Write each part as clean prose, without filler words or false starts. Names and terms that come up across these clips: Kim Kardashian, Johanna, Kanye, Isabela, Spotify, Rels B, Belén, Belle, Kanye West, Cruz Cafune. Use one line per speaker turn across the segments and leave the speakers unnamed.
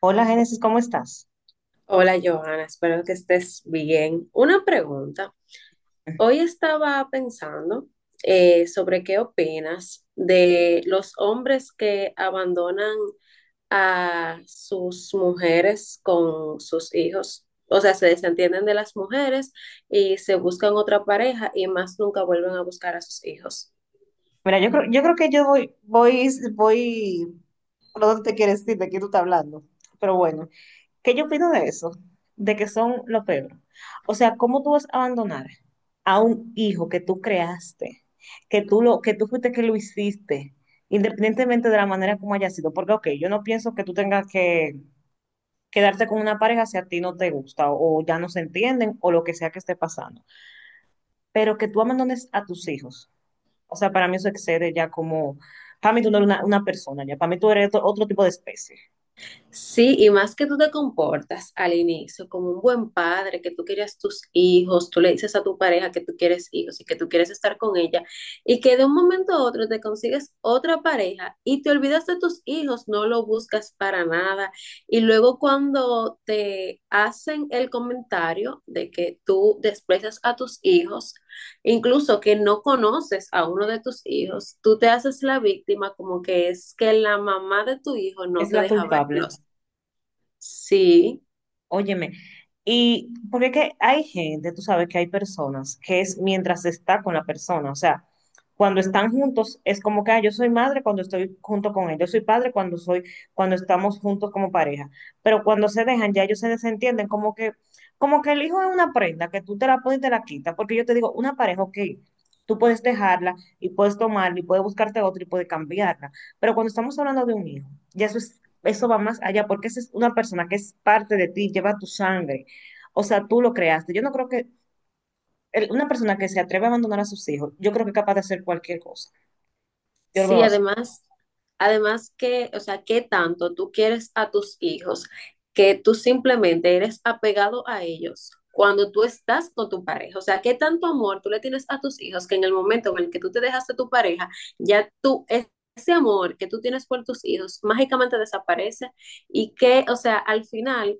Hola Génesis, ¿cómo estás?
Hola Johanna, espero que estés bien. Una pregunta. Hoy estaba pensando sobre qué opinas de los hombres que abandonan a sus mujeres con sus hijos. O sea, se desentienden de las mujeres y se buscan otra pareja y más nunca vuelven a buscar a sus hijos.
Mira, yo creo que yo voy por dónde te quieres ir, de qué tú estás hablando. Pero bueno, ¿qué yo opino de eso? De que son lo peor. O sea, ¿cómo tú vas a abandonar a un hijo que tú creaste, que tú fuiste que lo hiciste, independientemente de la manera como haya sido? Porque, ok, yo no pienso que tú tengas que quedarte con una pareja si a ti no te gusta o ya no se entienden o lo que sea que esté pasando. Pero que tú abandones a tus hijos. O sea, para mí eso excede ya como, para mí tú no eres una persona, ya para mí tú eres otro tipo de especie.
Sí, y más que tú te comportas al inicio como un buen padre, que tú quieres tus hijos, tú le dices a tu pareja que tú quieres hijos y que tú quieres estar con ella, y que de un momento a otro te consigues otra pareja y te olvidas de tus hijos, no lo buscas para nada. Y luego cuando te hacen el comentario de que tú desprecias a tus hijos, incluso que no conoces a uno de tus hijos, tú te haces la víctima como que es que la mamá de tu hijo
Es
no te
la
deja
culpable.
verlos. Sí,
Óyeme, y porque es que hay gente, tú sabes que hay personas que es mientras está con la persona, o sea, cuando están juntos es como que ah, yo soy madre cuando estoy junto con él, yo soy padre cuando soy, cuando estamos juntos como pareja, pero cuando se dejan ya ellos se desentienden como que el hijo es una prenda que tú te la pones y te la quitas, porque yo te digo, una pareja, ok, tú puedes dejarla y puedes tomarla y puedes buscarte otra y puedes cambiarla, pero cuando estamos hablando de un hijo, ya eso es, eso va más allá, porque esa es una persona que es parte de ti, lleva tu sangre. O sea, tú lo creaste. Yo no creo que una persona que se atreve a abandonar a sus hijos, yo creo que es capaz de hacer cualquier cosa. Yo lo veo
sí,
así.
además, además que, o sea, ¿qué tanto tú quieres a tus hijos que tú simplemente eres apegado a ellos cuando tú estás con tu pareja? O sea, ¿qué tanto amor tú le tienes a tus hijos que en el momento en el que tú te dejas de tu pareja, ya tú, es- ese amor que tú tienes por tus hijos mágicamente desaparece y que, o sea, al final...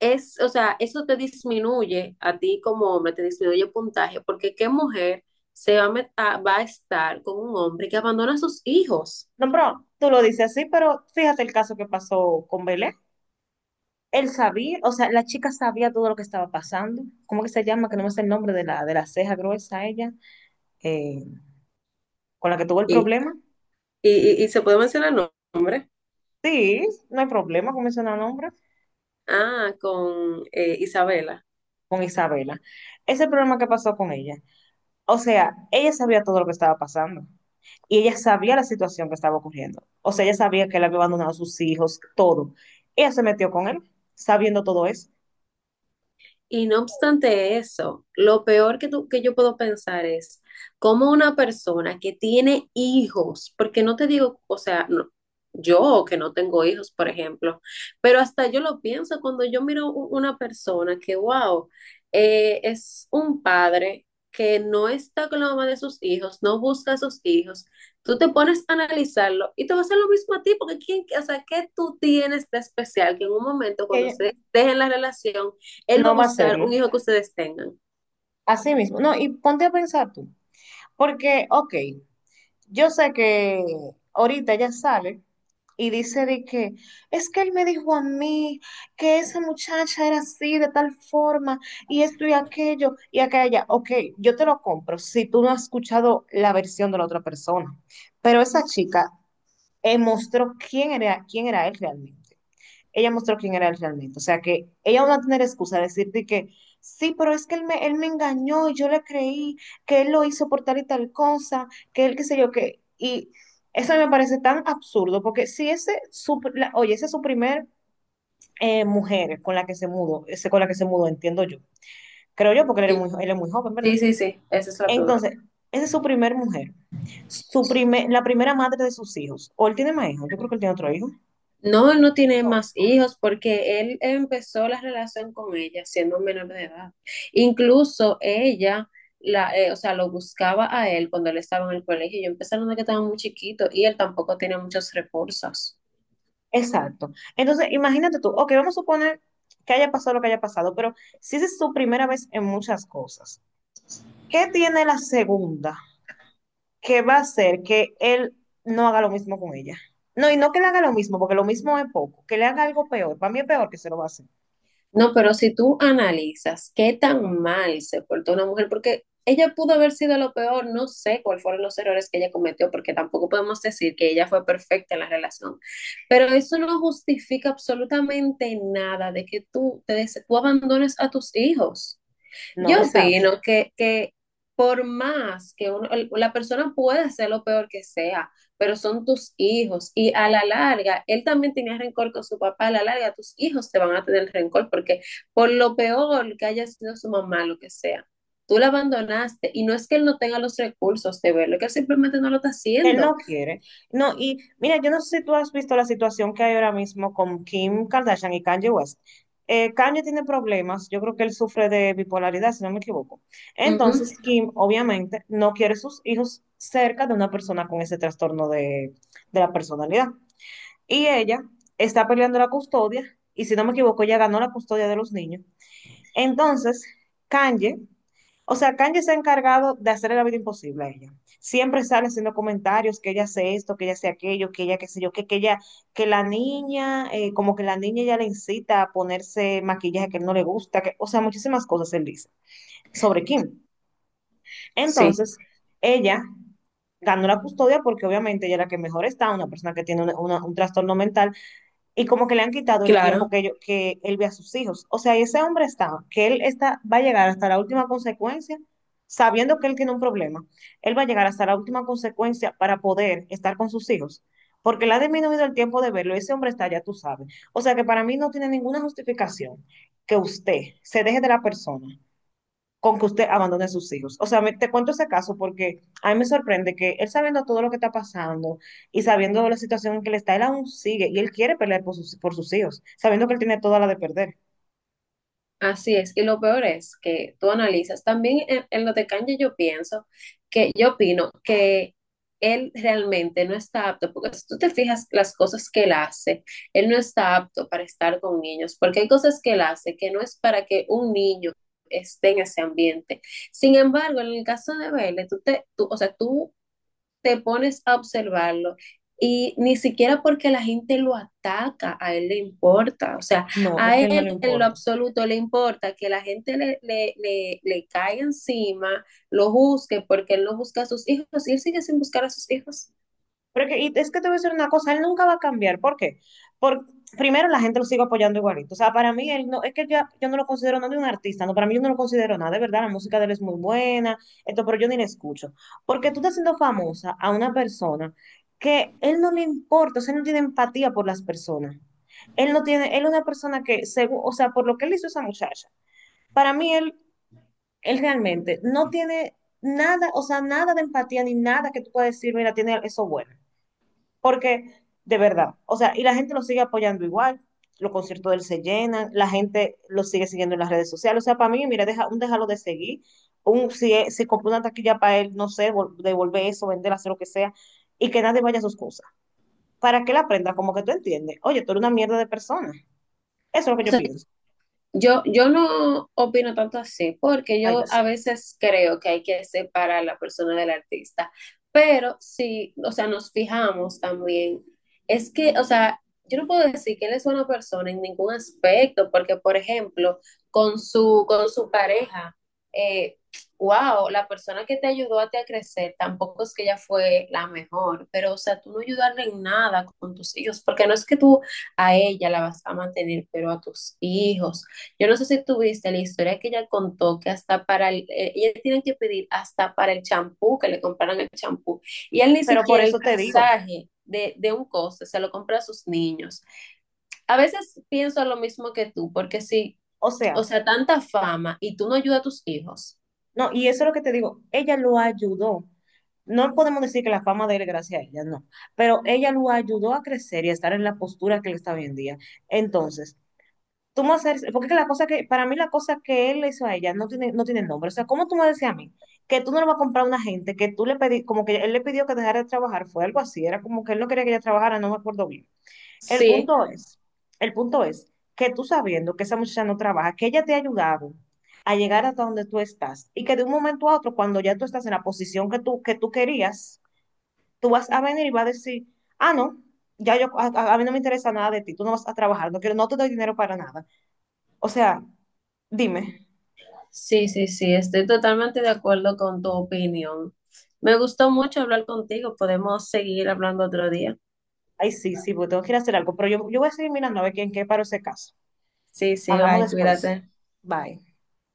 es, o sea, eso te disminuye a ti como hombre, te disminuye el puntaje, porque qué mujer se va a, va a estar con un hombre que abandona a sus hijos.
No, pero tú lo dices así, pero fíjate el caso que pasó con Belén. Él sabía, o sea, la chica sabía todo lo que estaba pasando. ¿Cómo que se llama? Que no me sé el nombre de la ceja gruesa ella, eh, con la que tuvo el
Y,
problema.
y se puede mencionar el nombre.
Sí, no hay problema con mencionar nombre,
Ah, con Isabela.
con Isabela. Ese problema que pasó con ella. O sea, ella sabía todo lo que estaba pasando y ella sabía la situación que estaba ocurriendo. O sea, ella sabía que él había abandonado a sus hijos, todo. Ella se metió con él, sabiendo todo eso.
Y no obstante eso, lo peor que, que yo puedo pensar es cómo una persona que tiene hijos, porque no te digo, o sea, yo que no tengo hijos, por ejemplo, pero hasta yo lo pienso cuando yo miro una persona que, wow, es un padre que no está con la mamá de sus hijos, no busca a sus hijos, tú te pones a analizarlo y te va a hacer lo mismo a ti, porque ¿quién, o sea, ¿qué tú tienes de especial que en un momento cuando
Ella
ustedes dejen la relación, él va a
no va a
buscar
hacerlo.
un hijo que ustedes tengan.
Así mismo. No, y ponte a pensar tú. Porque, ok, yo sé que ahorita ella sale y dice de que es que él me dijo a mí que esa muchacha era así, de tal forma, y esto y aquello, y aquella. Ok, yo te lo compro si tú no has escuchado la versión de la otra persona. Pero esa chica, mostró quién era él realmente, ella mostró quién era él realmente. O sea que ella no va a tener excusa de decirte que sí, pero es que él me engañó y yo le creí que él lo hizo por tal y tal cosa, que él qué sé yo qué. Y eso me parece tan absurdo porque si oye, ese es su primer mujer con la que se mudó, ese con la que se mudó, entiendo yo. Creo yo porque
Sí,
él es muy joven, ¿verdad?
sí. Esa es la prueba.
Entonces, esa es su primer mujer. Su primer, la primera madre de sus hijos. ¿O él tiene más hijos? Yo creo que él tiene otro hijo.
No, él no tiene
No.
más hijos porque él empezó la relación con ella siendo menor de edad. Incluso ella, o sea, lo buscaba a él cuando él estaba en el colegio. Yo empecé a que estaba muy chiquito y él tampoco tenía muchos recursos.
Exacto. Entonces, imagínate tú, ok, vamos a suponer que haya pasado lo que haya pasado, pero si esa es su primera vez en muchas cosas, ¿qué tiene la segunda que va a hacer que él no haga lo mismo con ella? No, y no que le haga lo mismo, porque lo mismo es poco, que le haga algo peor, para mí es peor que se lo va a hacer.
No, pero si tú analizas qué tan mal se portó una mujer, porque ella pudo haber sido lo peor, no sé cuáles fueron los errores que ella cometió, porque tampoco podemos decir que ella fue perfecta en la relación, pero eso no justifica absolutamente nada de que tú, tú abandones a tus hijos.
No,
Yo
exacto.
opino que por más que la persona pueda ser lo peor que sea, pero son tus hijos y a la larga, él también tenía rencor con su papá, a la larga tus hijos te van a tener rencor porque por lo peor que haya sido su mamá, lo que sea, tú la abandonaste y no es que él no tenga los recursos de verlo, es que él simplemente no lo está
Que él
haciendo.
no quiere. No, y mira, yo no sé si tú has visto la situación que hay ahora mismo con Kim Kardashian y Kanye West. Kanye tiene problemas, yo creo que él sufre de bipolaridad, si no me equivoco.
Ujú.
Entonces, Kim obviamente no quiere sus hijos cerca de una persona con ese trastorno de la personalidad. Y ella está peleando la custodia, y si no me equivoco, ella ganó la custodia de los niños. Entonces, Kanye, o sea, Kanye se ha encargado de hacerle la vida imposible a ella. Siempre sale haciendo comentarios que ella hace esto, que ella hace aquello, que ella qué sé yo, que ella, que la niña, como que la niña ya le incita a ponerse maquillaje que no le gusta, que, o sea, muchísimas cosas él dice sobre Kim.
Sí.
Entonces, ella ganó la custodia porque obviamente ella es la que mejor está, una persona que tiene un trastorno mental y como que le han quitado el tiempo
Claro.
que él ve a sus hijos. O sea, ese hombre está, que él está, va a llegar hasta la última consecuencia, sabiendo que él tiene un problema, él va a llegar hasta la última consecuencia para poder estar con sus hijos, porque le ha disminuido el tiempo de verlo, ese hombre está, ya tú sabes. O sea que para mí no tiene ninguna justificación que usted se deje de la persona con que usted abandone a sus hijos. O sea, te cuento ese caso porque a mí me sorprende que él sabiendo todo lo que está pasando y sabiendo la situación en que él está, él aún sigue y él quiere pelear por por sus hijos, sabiendo que él tiene toda la de perder.
Así es, y lo peor es que tú analizas, también en lo de Kanye yo pienso que yo opino que él realmente no está apto, porque si tú te fijas las cosas que él hace, él no está apto para estar con niños, porque hay cosas que él hace que no es para que un niño esté en ese ambiente. Sin embargo, en el caso de Belle, o sea, tú te pones a observarlo y ni siquiera porque la gente lo ataca, a él le importa, o sea,
No, es
a
que a él no le
él en lo
importa.
absoluto le importa que la gente le caiga encima, lo busque, porque él no busca a sus hijos y él sigue sin buscar a sus hijos.
Y es que te voy a decir una cosa, él nunca va a cambiar. ¿Por qué? Por, primero, la gente lo sigue apoyando igualito. O sea, para mí, él no, es que ya, yo no lo considero nada de un artista, no, para mí yo no lo considero nada. De verdad, la música de él es muy buena, esto, pero yo ni la escucho. Porque tú estás haciendo famosa a una persona que él no le importa, o sea, él no tiene empatía por las personas. Él no tiene, él es una persona que, según, o sea, por lo que él hizo a esa muchacha, para mí él, él realmente no tiene nada, o sea, nada de empatía ni nada que tú puedas decir, mira, tiene eso bueno. Porque, de verdad, o sea, y la gente lo sigue apoyando igual, los conciertos de él se llenan, la gente lo sigue siguiendo en las redes sociales. O sea, para mí, mira, deja, un déjalo de seguir, un, si, se si compró una taquilla para él, no sé, devolver eso, vender, hacer lo que sea, y que nadie vaya a sus cosas. Para que él aprenda, como que tú entiendes, oye, tú eres una mierda de persona. Eso es lo que
O
yo
sea,
pienso.
Yo no opino tanto así, porque
Ay, yo
yo a
sé.
veces creo que hay que separar la persona del artista, pero si, o sea, nos fijamos también, es que, o sea, yo no puedo decir que él es una persona en ningún aspecto, porque, por ejemplo, con su pareja, eh, wow, la persona que te ayudó a ti a crecer, tampoco es que ella fue la mejor, pero, o sea, tú no ayudarle en nada con tus hijos, porque no es que tú a ella la vas a mantener, pero a tus hijos, yo no sé si tuviste la historia que ella contó que hasta para ella tienen que pedir hasta para el champú, que le compraran el champú. Y él ni
Pero por
siquiera el
eso te digo,
pasaje de un coste se lo compra a sus niños. A veces pienso lo mismo que tú, porque sí
o sea,
o sea, tanta fama y tú no ayudas a tus hijos.
no, y eso es lo que te digo, ella lo ayudó. No podemos decir que la fama de él es gracias a ella, no, pero ella lo ayudó a crecer y a estar en la postura que él está hoy en día. Entonces, tú me haces, porque es que para mí la cosa que él le hizo a ella no tiene, no tiene nombre. O sea, ¿cómo tú me decías a mí que tú no le vas a comprar a una gente que tú le pedí, como que él le pidió que dejara de trabajar, fue algo así, era como que él no quería que ella trabajara, no me acuerdo bien. El
Sí,
punto es, el punto es que tú sabiendo que esa muchacha no trabaja, que ella te ha ayudado a llegar hasta donde tú estás y que de un momento a otro, cuando ya tú estás en la posición que tú querías, tú vas a venir y vas a decir, ah, no, ya yo, a mí no me interesa nada de ti, tú no vas a trabajar, no quiero, no te doy dinero para nada. O sea, dime,
sí, estoy totalmente de acuerdo con tu opinión. Me gustó mucho hablar contigo, podemos seguir hablando otro día.
ay, sí, sí, pues tengo que ir a hacer algo, pero yo voy a seguir mirando a ver quién qué paro ese caso.
Sí, sí,
Hablamos
bye, cuídate.
después. Bye.